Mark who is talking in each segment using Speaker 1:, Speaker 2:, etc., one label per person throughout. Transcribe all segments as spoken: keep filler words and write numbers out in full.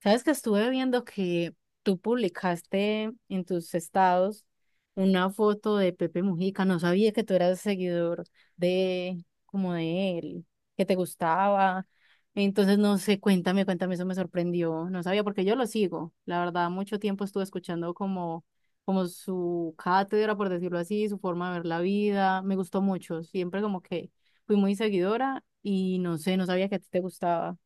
Speaker 1: Sabes que estuve viendo que tú publicaste en tus estados una foto de Pepe Mujica. No sabía que tú eras seguidor de como de él, que te gustaba. Entonces, no sé, cuéntame, cuéntame, eso me sorprendió. No sabía porque yo lo sigo. La verdad, mucho tiempo estuve escuchando como, como su cátedra, por decirlo así, su forma de ver la vida. Me gustó mucho. Siempre como que fui muy seguidora y no sé, no sabía que a ti te gustaba.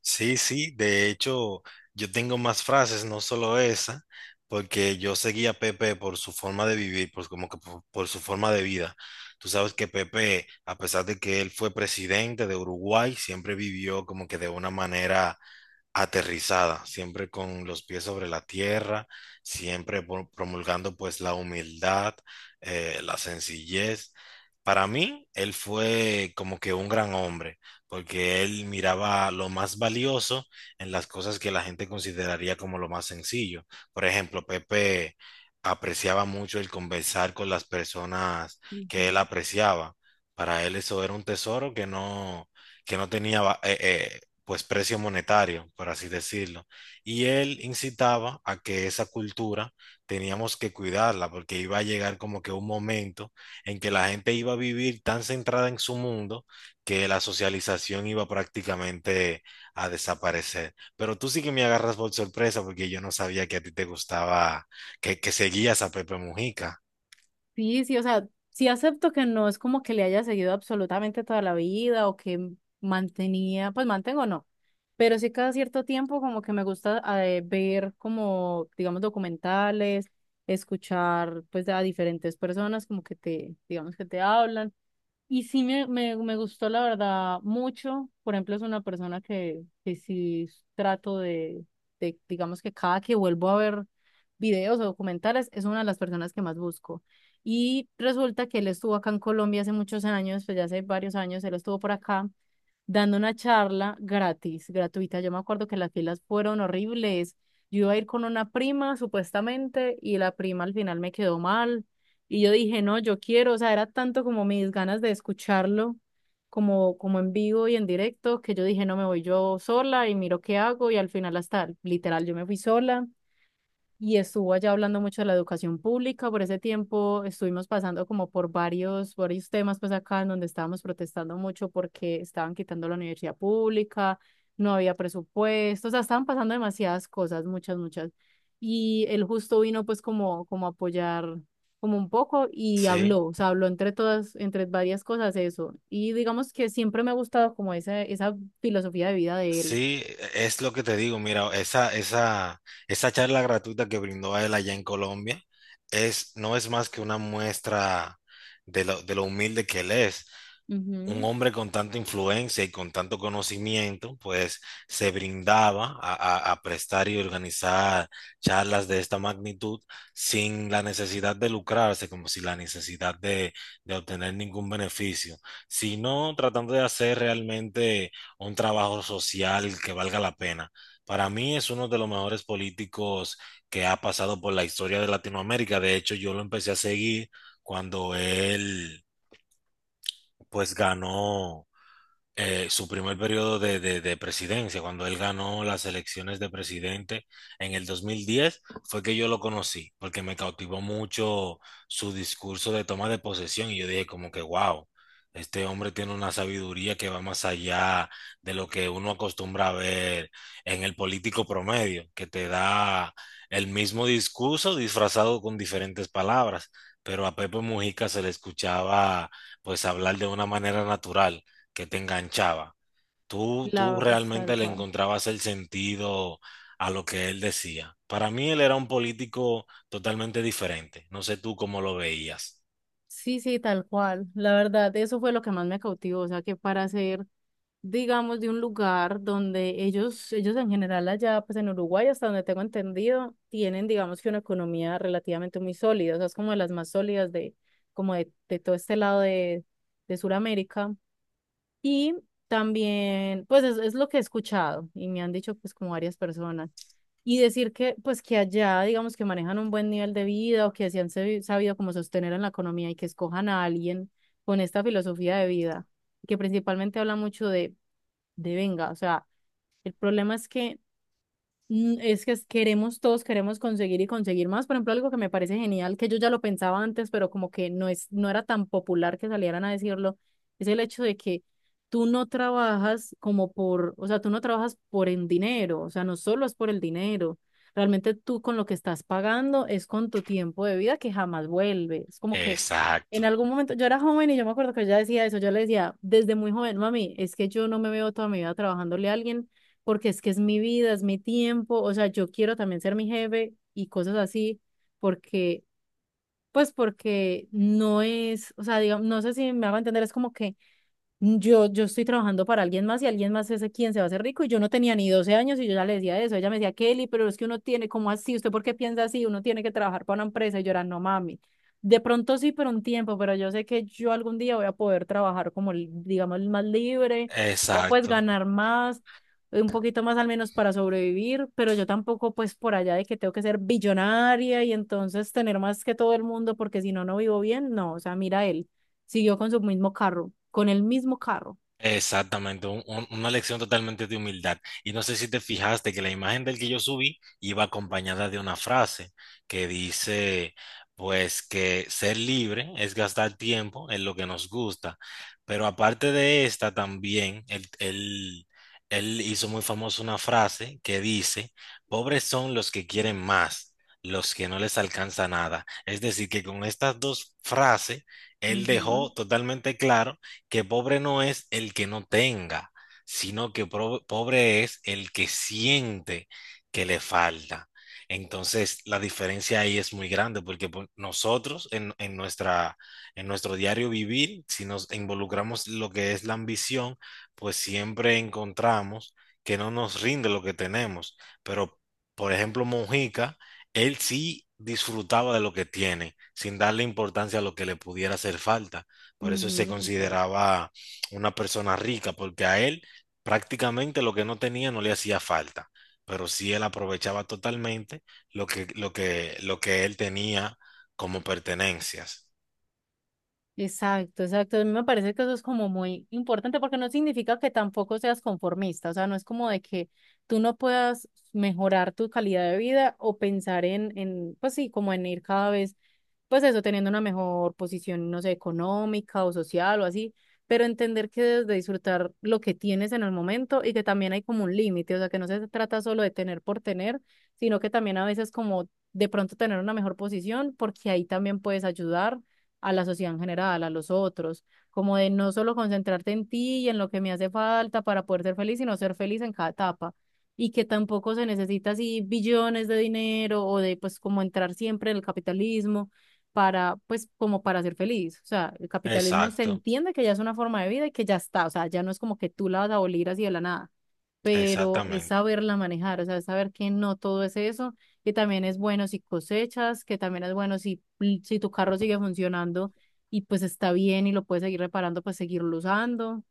Speaker 2: Sí, sí, de hecho, yo tengo más frases, no solo esa, porque yo seguía a Pepe por su forma de vivir, por, como que por, por su forma de vida. Tú sabes que Pepe, a pesar de que él fue presidente de Uruguay, siempre vivió como que de una manera aterrizada, siempre con los pies sobre la tierra, siempre pro- promulgando pues la humildad, eh, la sencillez. Para mí, él fue como que un gran hombre, porque él miraba lo más valioso en las cosas que la gente consideraría como lo más sencillo. Por ejemplo, Pepe apreciaba mucho el conversar con las personas
Speaker 1: Ujú.
Speaker 2: que él apreciaba. Para él eso era un tesoro que no, que no tenía va- eh, eh, pues precio monetario, por así decirlo. Y él incitaba a que esa cultura teníamos que cuidarla porque iba a llegar como que un momento en que la gente iba a vivir tan centrada en su mundo que la socialización iba prácticamente a desaparecer. Pero tú sí que me agarras por sorpresa porque yo no sabía que a ti te gustaba, que, que seguías a Pepe Mujica.
Speaker 1: Sí, sí, o sea, sí acepto que no es como que le haya seguido absolutamente toda la vida o que mantenía, pues mantengo no, pero sí cada cierto tiempo como que me gusta eh, ver como, digamos, documentales, escuchar pues a diferentes personas como que te, digamos que te hablan. Y sí me, me, me gustó la verdad mucho. Por ejemplo, es una persona que, que sí trato de, de, digamos que cada que vuelvo a ver videos o documentales, es una de las personas que más busco. Y resulta que él estuvo acá en Colombia hace muchos años, pues ya hace varios años, él estuvo por acá dando una charla gratis, gratuita. Yo me acuerdo que las filas fueron horribles. Yo iba a ir con una prima, supuestamente, y la prima al final me quedó mal. Y yo dije, no, yo quiero, o sea, era tanto como mis ganas de escucharlo, como, como en vivo y en directo, que yo dije, no, me voy yo sola y miro qué hago. Y al final hasta, literal, yo me fui sola y estuvo allá hablando mucho de la educación pública. Por ese tiempo estuvimos pasando como por varios, varios temas, pues acá en donde estábamos protestando mucho porque estaban quitando la universidad pública, no había presupuesto, o sea, estaban pasando demasiadas cosas, muchas, muchas. Y él justo vino pues como, como a apoyar como un poco y
Speaker 2: Sí.
Speaker 1: habló, o sea, habló entre todas, entre varias cosas eso. Y digamos que siempre me ha gustado como esa, esa filosofía de vida de él.
Speaker 2: Sí, e, es lo que te digo, mira, esa, esa, esa charla gratuita que brindó a él allá en Colombia es, no es más que una muestra de lo, de lo humilde que él es un
Speaker 1: Ujú.
Speaker 2: hombre con tanta influencia y con tanto conocimiento, pues se brindaba a, a- a prestar y organizar charlas de esta magnitud sin la necesidad de lucrarse, como si la necesidad de, de obtener ningún beneficio, sino tratando de hacer realmente un trabajo social que valga la pena. Para mí es uno de los mejores políticos que ha pasado por la historia de Latinoamérica. De hecho, yo lo empecé a seguir cuando él, pues, ganó eh, su primer periodo de, de- de presidencia, cuando él ganó las elecciones de presidente en el dos mil diez fue que yo lo conocí, porque me cautivó mucho su discurso de toma de posesión y yo dije como que, wow, este hombre tiene una sabiduría que va más allá de lo que uno acostumbra a ver en el político promedio, que te da el mismo discurso disfrazado con diferentes palabras, pero a Pepe Mujica se le escuchaba pues hablar de una manera natural que te enganchaba. Tú, tú
Speaker 1: La, es tal
Speaker 2: realmente le
Speaker 1: cual.
Speaker 2: encontrabas el sentido a lo que él decía. Para mí él era un político totalmente diferente. ¿No sé tú cómo lo veías?
Speaker 1: Sí, sí, tal cual. La verdad, eso fue lo que más me cautivó. O sea, que para ser, digamos, de un lugar donde ellos, ellos en general allá, pues en Uruguay, hasta donde tengo entendido, tienen, digamos, que una economía relativamente muy sólida. O sea, es como de las más sólidas de, como de, de todo este lado de, de Sudamérica. Y también, pues es, es lo que he escuchado y me han dicho, pues, como varias personas. Y decir que, pues que allá, digamos que manejan un buen nivel de vida o que se han sabi- sabido como sostener en la economía y que escojan a alguien con esta filosofía de vida, que principalmente habla mucho de, de venga, o sea, el problema es que Mm, Es que es- queremos todos, queremos conseguir y conseguir más. Por ejemplo, algo que me parece genial, que yo ya lo pensaba antes, pero como que no es, no era tan popular que salieran a decirlo, es el hecho de que tú no trabajas como por, o sea, tú no trabajas por el dinero, o sea, no solo es por el dinero. Realmente tú con lo que estás pagando es con tu tiempo de vida que jamás vuelve. Es como que
Speaker 2: Exacto,
Speaker 1: en algún momento, yo era joven y yo me acuerdo que ella decía eso, yo le decía desde muy joven, mami, es que yo no me veo toda mi vida trabajándole a alguien porque es que es mi vida, es mi tiempo, o sea, yo quiero también ser mi jefe y cosas así, porque, pues porque no es, o sea, digamos, no sé si me hago entender, es como que mm, Yo, yo estoy trabajando para alguien más y alguien más es quien se va a hacer rico y yo no tenía ni doce años y yo ya le decía eso. Ella me decía, Kelly, pero es que uno tiene, ¿cómo así? ¿Usted por qué piensa así? Uno tiene que trabajar para una empresa y yo era, no mami. De pronto sí, pero un tiempo, pero yo sé que yo algún día voy a poder trabajar como, li- digamos, más libre o pues
Speaker 2: exacto.
Speaker 1: ganar más, eh, un poquito más al menos para sobrevivir, pero yo tampoco pues por allá de que tengo que ser billonaria y entonces tener más que todo el mundo porque si no, no vivo bien. No, o sea, mira él. Siguió con su mismo carro, con el mismo carro.
Speaker 2: Exactamente, un- un- una lección totalmente de humildad. Y no sé si te fijaste que la imagen del que yo subí iba acompañada de una frase que dice, pues que ser libre es gastar tiempo en lo que nos gusta. Pero aparte de esta también, él, él, él hizo muy famosa una frase que dice, pobres son los que quieren más, los que no les alcanza nada. Es decir, que con estas dos frases, él
Speaker 1: Ujú,
Speaker 2: dejó totalmente claro que pobre no es el que no tenga, sino que pro- pobre es el que siente que le falta. Entonces, la diferencia ahí es muy grande porque pues, nosotros en, en nuestra, en nuestro diario vivir, si nos involucramos lo que es la ambición, pues siempre encontramos que no nos rinde lo que tenemos. Pero, por ejemplo, Mojica, él sí disfrutaba de lo que tiene, sin darle importancia a lo que le pudiera hacer falta. Por eso se
Speaker 1: ujú.
Speaker 2: consideraba una persona rica, porque a él prácticamente lo que no tenía no le hacía falta, pero sí él aprovechaba totalmente lo que, lo que, lo que él tenía como pertenencias.
Speaker 1: Exacto, exacto. A mí me parece que eso es como muy importante porque no significa que tampoco seas conformista, o sea, no es como de que tú no puedas mejorar tu calidad de vida o pensar en, en, pues sí, como en ir cada vez, pues eso, teniendo una mejor posición, no sé, económica o social o así, pero entender que debes de disfrutar lo que tienes en el momento y que también hay como un límite, o sea, que no se trata solo de tener por tener, sino que también a veces como de pronto tener una mejor posición porque ahí también puedes ayudar a la sociedad en general, a los otros, como de no solo concentrarte en ti y en lo que me hace falta para poder ser feliz, sino ser feliz en cada etapa y que tampoco se necesita así billones de dinero o de pues como entrar siempre en el capitalismo para pues como para ser feliz. O sea, el capitalismo se
Speaker 2: Exacto,
Speaker 1: entiende que ya es una forma de vida y que ya está, o sea, ya no es como que tú la vas a abolir así de la nada, pero es
Speaker 2: exactamente.
Speaker 1: saberla manejar, o sea, es saber que no todo es eso que también es bueno si cosechas, que también es bueno si, si tu carro sigue funcionando y pues está bien y lo puedes seguir reparando, pues seguirlo usando.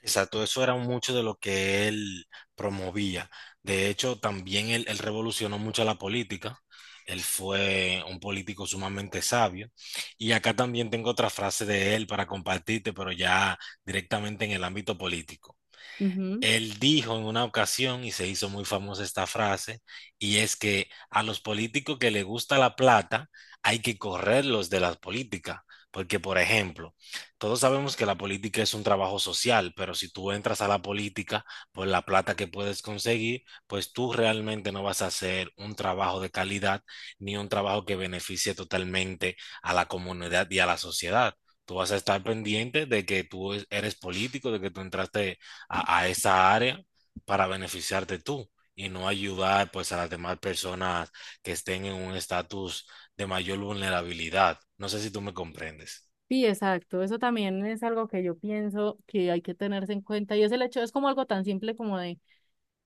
Speaker 2: Exacto, eso era mucho de lo que él promovía. De hecho, también él, él revolucionó mucho la política. Él fue un político sumamente sabio. Y acá también tengo otra frase de él para compartirte, pero ya directamente en el ámbito político.
Speaker 1: Ujú.
Speaker 2: Él dijo en una ocasión, y se hizo muy famosa esta frase, y es que a los políticos que les gusta la plata hay que correrlos de la política. Porque, por ejemplo, todos sabemos que la política es un trabajo social, pero si tú entras a la política por la plata que puedes conseguir, pues tú realmente no vas a hacer un trabajo de calidad ni un trabajo que beneficie totalmente a la comunidad y a la sociedad. Tú vas a estar pendiente de que tú es- eres político, de que tú entraste a, a esa área para beneficiarte tú y no ayudar pues a las demás personas que estén en un estatus de mayor vulnerabilidad. ¿No sé si tú me comprendes?
Speaker 1: Sí, exacto. Eso también es algo que yo pienso que hay que tenerse en cuenta y es el hecho, es como algo tan simple como de.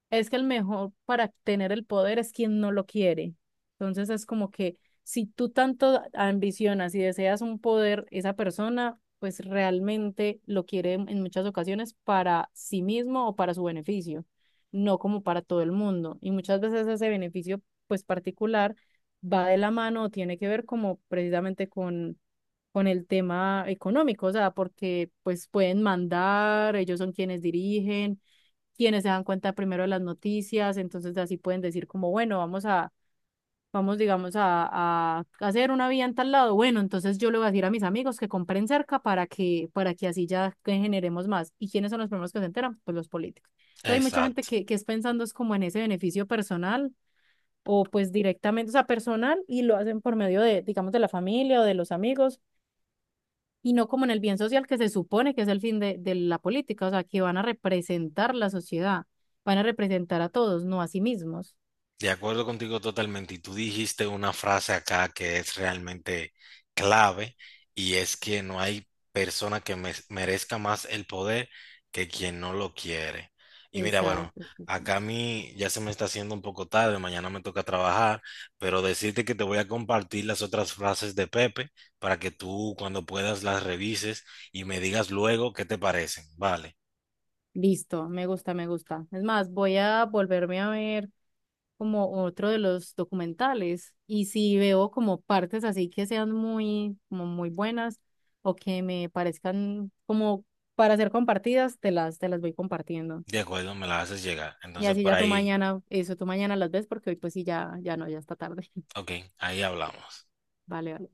Speaker 1: Es que el mejor para tener el poder es quien no lo quiere. Entonces es como que si tú tanto ambicionas y deseas un poder, esa persona pues realmente lo quiere en en muchas ocasiones para sí mismo o para su beneficio, no como para todo el mundo. Y muchas veces ese beneficio pues particular va de la mano o tiene que ver como precisamente con con el tema económico, o sea, porque pues pueden mandar, ellos son quienes dirigen quienes se dan cuenta primero de las noticias, entonces así pueden decir como, bueno, vamos a, vamos, digamos, a, a hacer una vía en tal lado. Bueno, entonces yo le voy a decir a mis amigos que compren cerca para que, para que así ya generemos más. ¿Y quiénes son los primeros que se enteran? Pues los políticos.
Speaker 2: Sí,
Speaker 1: Entonces, hay mucha gente
Speaker 2: exacto.
Speaker 1: que, que es pensando es como en ese beneficio personal o pues directamente, o sea, personal y lo hacen por medio de, digamos, de la familia o de los amigos y no como en el bien social que se supone que es el fin de, de la política, o sea, que van a representar la sociedad, van a representar a todos, no a sí mismos.
Speaker 2: De acuerdo contigo totalmente. Y tú dijiste una frase acá que es realmente clave y es que no hay persona que me- merezca más el poder que quien no lo quiere. Y mira, bueno,
Speaker 1: Exacto. Sí, sí.
Speaker 2: acá a mí ya se me está haciendo un poco tarde, mañana me toca trabajar, pero decirte que te voy a compartir las otras frases de Pepe para que tú cuando puedas las revises y me digas luego qué te parecen. Vale,
Speaker 1: Listo, me gusta, me gusta. Es más, voy a volverme a ver como otro de los documentales y si veo como partes así que sean muy, como muy buenas o que me parezcan como para ser compartidas, te las, te las voy compartiendo.
Speaker 2: de acuerdo, me las haces llegar.
Speaker 1: Y
Speaker 2: Entonces
Speaker 1: así
Speaker 2: por
Speaker 1: ya tú
Speaker 2: ahí,
Speaker 1: mañana, eso tú mañana las ves porque hoy pues sí, ya, ya no, ya está tarde.
Speaker 2: ok, ahí hablamos.
Speaker 1: Vale, vale.